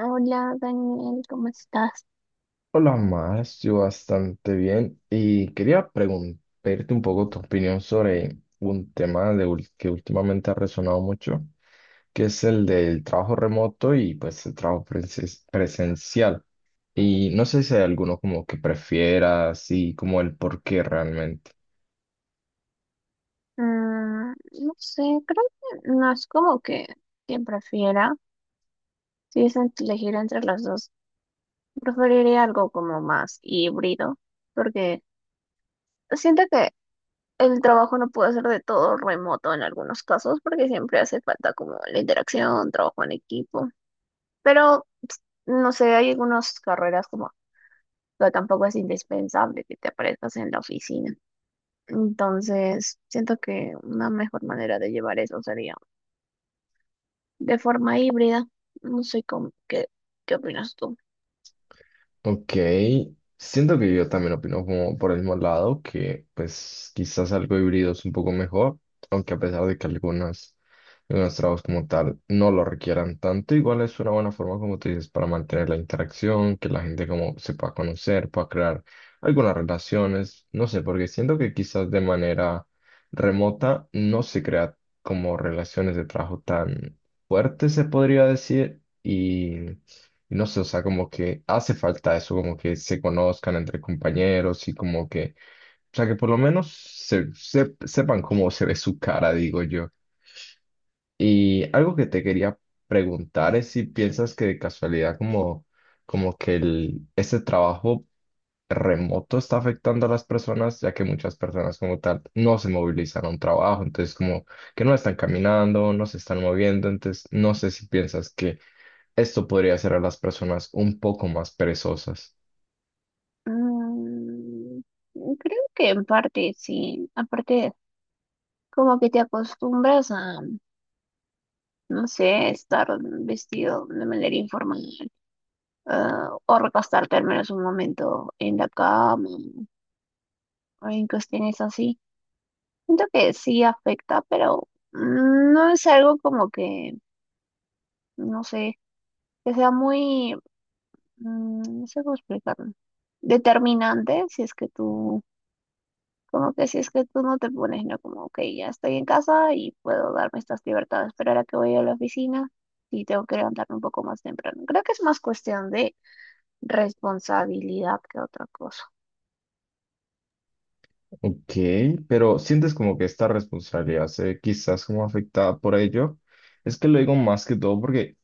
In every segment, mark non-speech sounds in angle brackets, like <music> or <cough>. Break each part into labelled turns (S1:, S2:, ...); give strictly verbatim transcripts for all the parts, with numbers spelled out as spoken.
S1: Hola Daniel, ¿cómo estás?
S2: Hola, más, yo bastante bien y quería pregun- pedirte un poco tu opinión sobre un tema de ul- que últimamente ha resonado mucho, que es el del trabajo remoto y pues el trabajo presen- presencial. Y no sé si hay alguno como que prefieras y como el por qué realmente.
S1: Mm, no sé, creo que no es como que, que prefiera. Si es ent- elegir entre las dos, preferiría algo como más híbrido, porque siento que el trabajo no puede ser de todo remoto en algunos casos, porque siempre hace falta como la interacción, trabajo en equipo. Pero no sé, hay algunas carreras como que tampoco es indispensable que te aparezcas en la oficina. Entonces, siento que una mejor manera de llevar eso sería de forma híbrida. No sé cómo, qué, qué opinas tú.
S2: Ok, siento que yo también opino como por el mismo lado, que pues quizás algo híbrido es un poco mejor, aunque a pesar de que algunas, algunos trabajos como tal no lo requieran tanto, igual es una buena forma, como tú dices, para mantener la interacción, que la gente como se pueda conocer, pueda crear algunas relaciones, no sé, porque siento que quizás de manera remota no se crea como relaciones de trabajo tan fuerte, se podría decir, y no sé, o sea, como que hace falta eso, como que se conozcan entre compañeros y como que, o sea, que por lo menos se, se- sepan cómo se ve su cara, digo yo. Y algo que te quería preguntar es si piensas que de casualidad como, como que el, ese trabajo remoto está afectando a las personas, ya que muchas personas como tal no se movilizan a un trabajo, entonces como que no están caminando, no se están moviendo, entonces no sé si piensas que esto podría hacer a las personas un poco más perezosas.
S1: Mm, Creo que en parte sí, aparte como que te acostumbras a, no sé, estar vestido de manera informal, ah, o recostarte al menos un momento en la cama, o en cuestiones así. Siento que sí afecta, pero mm, no es algo como que, no sé, que sea muy, mm, no sé cómo explicarlo, determinante si es que tú. Como que si es que tú no te pones, ¿no? Como que ya estoy en casa y puedo darme estas libertades, pero ahora que voy a la oficina y tengo que levantarme un poco más temprano. Creo que es más cuestión de responsabilidad que otra cosa.
S2: Ok, pero sientes como que esta responsabilidad se ve quizás como afectada por ello. Es que lo digo más que todo porque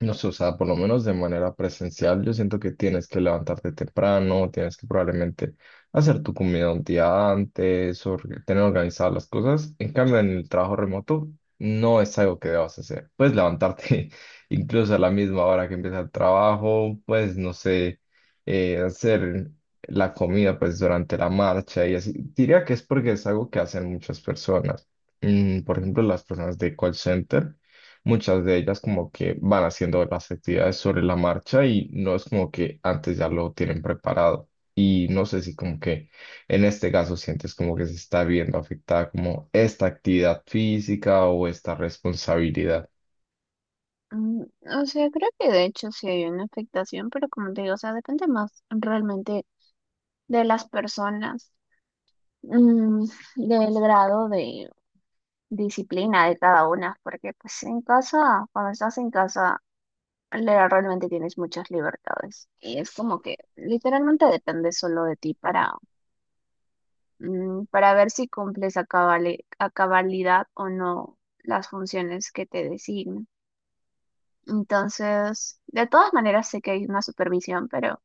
S2: no sé, o sea, por lo menos de manera presencial, yo siento que tienes que levantarte temprano, tienes que probablemente hacer tu comida un día antes, or- tener organizadas las cosas. En cambio, en el trabajo remoto no es algo que debas hacer. Puedes levantarte <laughs> incluso a la misma hora que empieza el trabajo, pues no sé, eh, hacer la comida pues durante la marcha y así. Diría que es porque es algo que hacen muchas personas. Mm, por ejemplo, las personas de call center. Muchas de ellas como que van haciendo las actividades sobre la marcha y no es como que antes ya lo tienen preparado. Y no sé si como que en este caso sientes como que se está viendo afectada como esta actividad física o esta responsabilidad.
S1: Mm, o sea, creo que de hecho sí hay una afectación, pero como te digo, o sea, depende más realmente de las personas, mm, del grado de disciplina de cada una, porque pues en casa, cuando estás en casa, le- realmente tienes muchas libertades. Y es como que literalmente depende solo de ti para, mm, para ver si cumples a cabale- a cabalidad o no las funciones que te designan. Entonces, de todas maneras sé que hay una supervisión, pero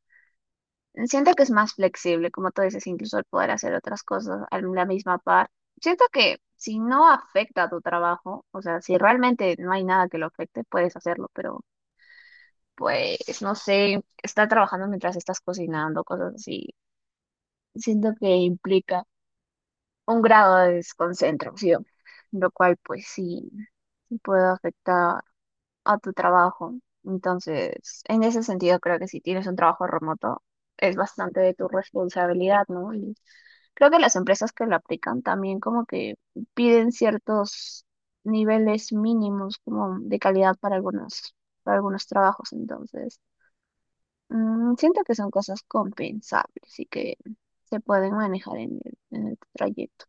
S1: siento que es más flexible, como tú dices, incluso el poder hacer otras cosas a la misma par. Siento que si no afecta a tu trabajo, o sea, si realmente no hay nada que lo afecte, puedes hacerlo, pero pues, no sé, estar trabajando mientras estás cocinando, cosas así. Siento que implica un grado de desconcentración, lo cual, pues, sí, sí puede afectar a tu trabajo. Entonces, en ese sentido, creo que si tienes un trabajo remoto, es bastante de tu responsabilidad, ¿no? Y creo que las empresas que lo aplican también como que piden ciertos niveles mínimos como de calidad para algunos, para algunos trabajos. Entonces, Mm, siento que son cosas compensables y que se pueden manejar en el, en el trayecto.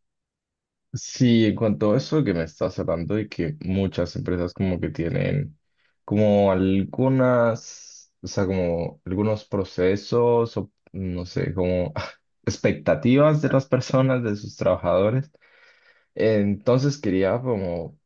S2: Sí, en cuanto a eso que me estás hablando de que muchas empresas como que tienen como algunas, o sea, como algunos procesos o no sé, como <laughs> expectativas de las personas, de sus trabajadores. Entonces quería como,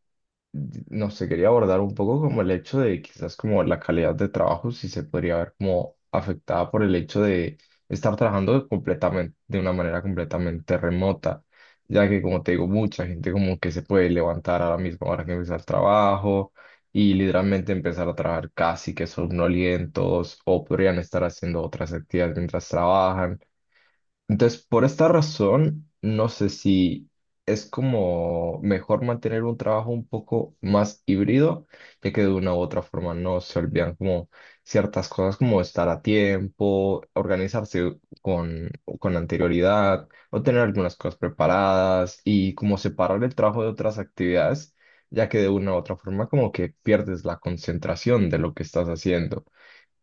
S2: no sé, quería abordar un poco como el hecho de quizás como la calidad de trabajo, si se podría ver como afectada por el hecho de estar trabajando completamente, de una manera completamente remota, ya que como te digo, mucha gente como que se puede levantar a la misma hora que empieza el trabajo y literalmente empezar a trabajar casi que somnolientos o podrían estar haciendo otras actividades mientras trabajan. Entonces, por esta razón, no sé si es como mejor mantener un trabajo un poco más híbrido, ya que de una u otra forma no se olvidan como ciertas cosas como estar a tiempo, organizarse con, con anterioridad o tener algunas cosas preparadas y como separar el trabajo de otras actividades, ya que de una u otra forma como que pierdes la concentración de lo que estás haciendo.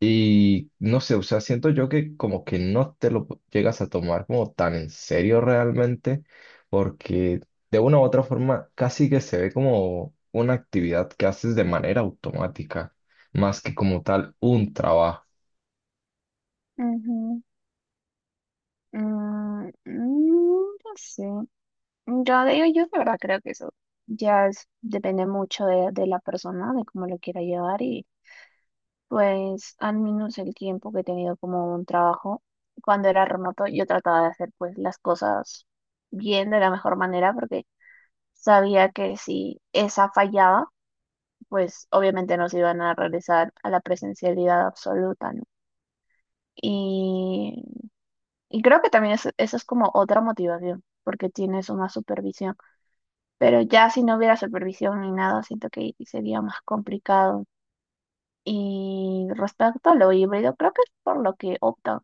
S2: Y no sé, o sea, siento yo que como que no te lo llegas a tomar como tan en serio realmente, porque de una u otra forma casi que se ve como una actividad que haces de manera automática, más que como tal un trabajo.
S1: Ujú. Mm, mm, no sé. Yo, de- yo de verdad creo que eso ya es- depende mucho de, de la persona, de cómo lo quiera llevar y pues al menos el tiempo que he tenido como un trabajo, cuando era remoto yo trataba de hacer pues las cosas bien de la mejor manera porque sabía que si esa fallaba, pues obviamente nos iban a regresar a la presencialidad absoluta, ¿no? Y, y creo que también es- eso es como otra motivación, porque tienes una supervisión. Pero ya si no hubiera supervisión ni nada, siento que sería más complicado. Y respecto a lo híbrido, creo que es por lo que optan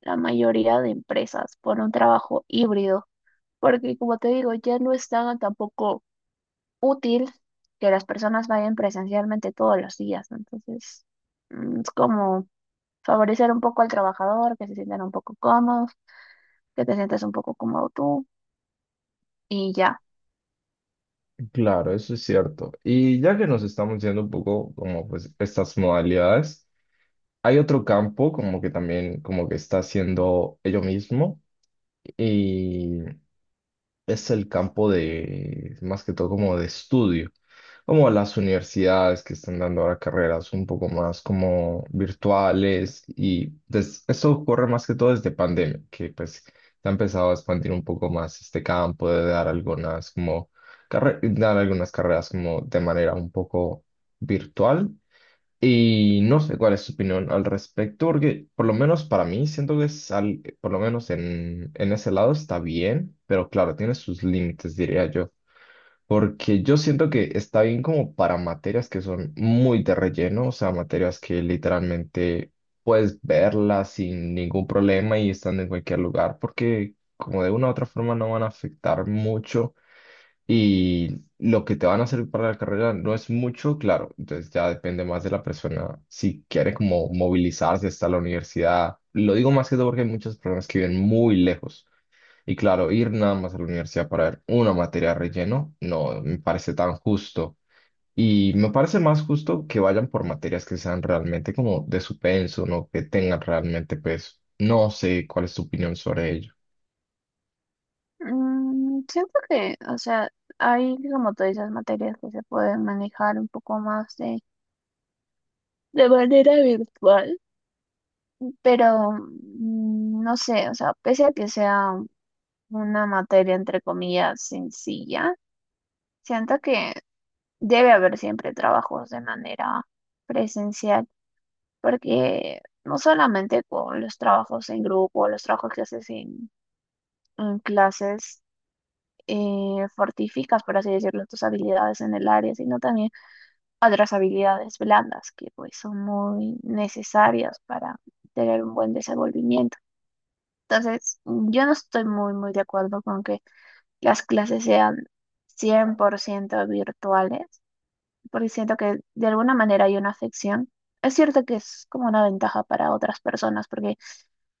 S1: la mayoría de empresas por un trabajo híbrido, porque como te digo, ya no es tan tampoco útil que las personas vayan presencialmente todos los días, ¿no? Entonces, mm, es como favorecer un poco al trabajador, que se sientan un poco cómodos, que te sientas un poco cómodo tú y ya.
S2: Claro, eso es cierto. Y ya que nos estamos yendo un poco como pues estas modalidades, hay otro campo como que también como que está haciendo ello mismo. Es el campo de, más que todo como de estudio, como las universidades que están dando ahora carreras un poco más como virtuales y des- eso ocurre más que todo desde pandemia, que pues se ha empezado a expandir un poco más este campo de dar algunas como, carre- dar algunas carreras como de manera un poco virtual y no sé cuál es su opinión al respecto, porque por lo menos para mí siento que es al- por lo menos en, en ese lado está bien, pero claro, tiene sus límites, diría yo. Porque yo siento que está bien como para materias que son muy de relleno, o sea, materias que literalmente puedes verlas sin ningún problema y están en cualquier lugar, porque como de una u otra forma no van a afectar mucho y lo que te van a hacer para la carrera no es mucho, claro, entonces ya depende más de la persona si quiere como movilizarse hasta la universidad. Lo digo más que todo porque hay muchas personas que viven muy lejos y claro, ir nada más a la universidad para ver una materia de relleno no me parece tan justo. Y me parece más justo que vayan por materias que sean realmente como de su peso, ¿no? Que tengan realmente peso. No sé cuál es tu opinión sobre ello.
S1: Mm, siento que, o sea, hay, como tú dices, materias que se pueden manejar un poco más de, de manera virtual, pero mm, no sé, o sea, pese a que sea una materia, entre comillas, sencilla, siento que debe haber siempre trabajos de manera presencial, porque no solamente con los trabajos en grupo, los trabajos que haces en en clases eh, fortificas, por así decirlo, tus habilidades en el área, sino también otras habilidades blandas que pues son muy necesarias para tener un buen desenvolvimiento. Entonces, mm, yo no estoy muy, muy de acuerdo con que las clases sean cien por ciento virtuales porque siento que de alguna manera hay una afección. Es cierto que es como una ventaja para otras personas porque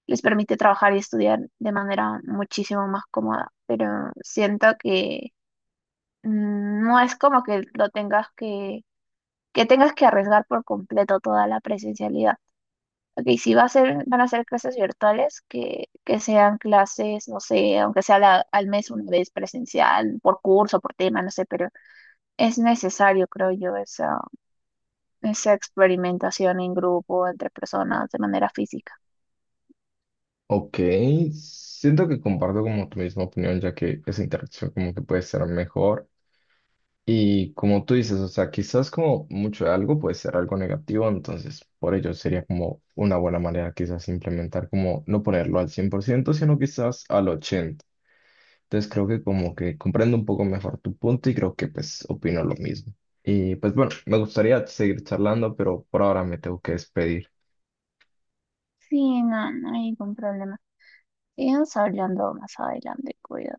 S1: les permite trabajar y estudiar de manera muchísimo más cómoda, pero siento que mm, no es como que lo tengas que, que tengas que arriesgar por completo toda la presencialidad. Ok, si va a ser, van a ser clases virtuales, que, que sean clases, no sé, aunque sea la- al mes una vez presencial, por curso, por tema, no sé, pero es necesario, creo yo, eso esa experimentación en grupo, entre personas, de manera física.
S2: Ok, siento que comparto como tu misma opinión, ya que esa interacción como que puede ser mejor. Y como tú dices, o sea, quizás como mucho de algo puede ser algo negativo, entonces por ello sería como una buena manera quizás implementar como no ponerlo al cien por ciento, sino quizás al ochenta por ciento. Entonces creo que como que comprendo un poco mejor tu punto y creo que pues opino lo mismo. Y pues bueno, me gustaría seguir charlando, pero por ahora me tengo que despedir.
S1: Sí, no, no hay ningún problema. Sigamos hablando más adelante, cuidado.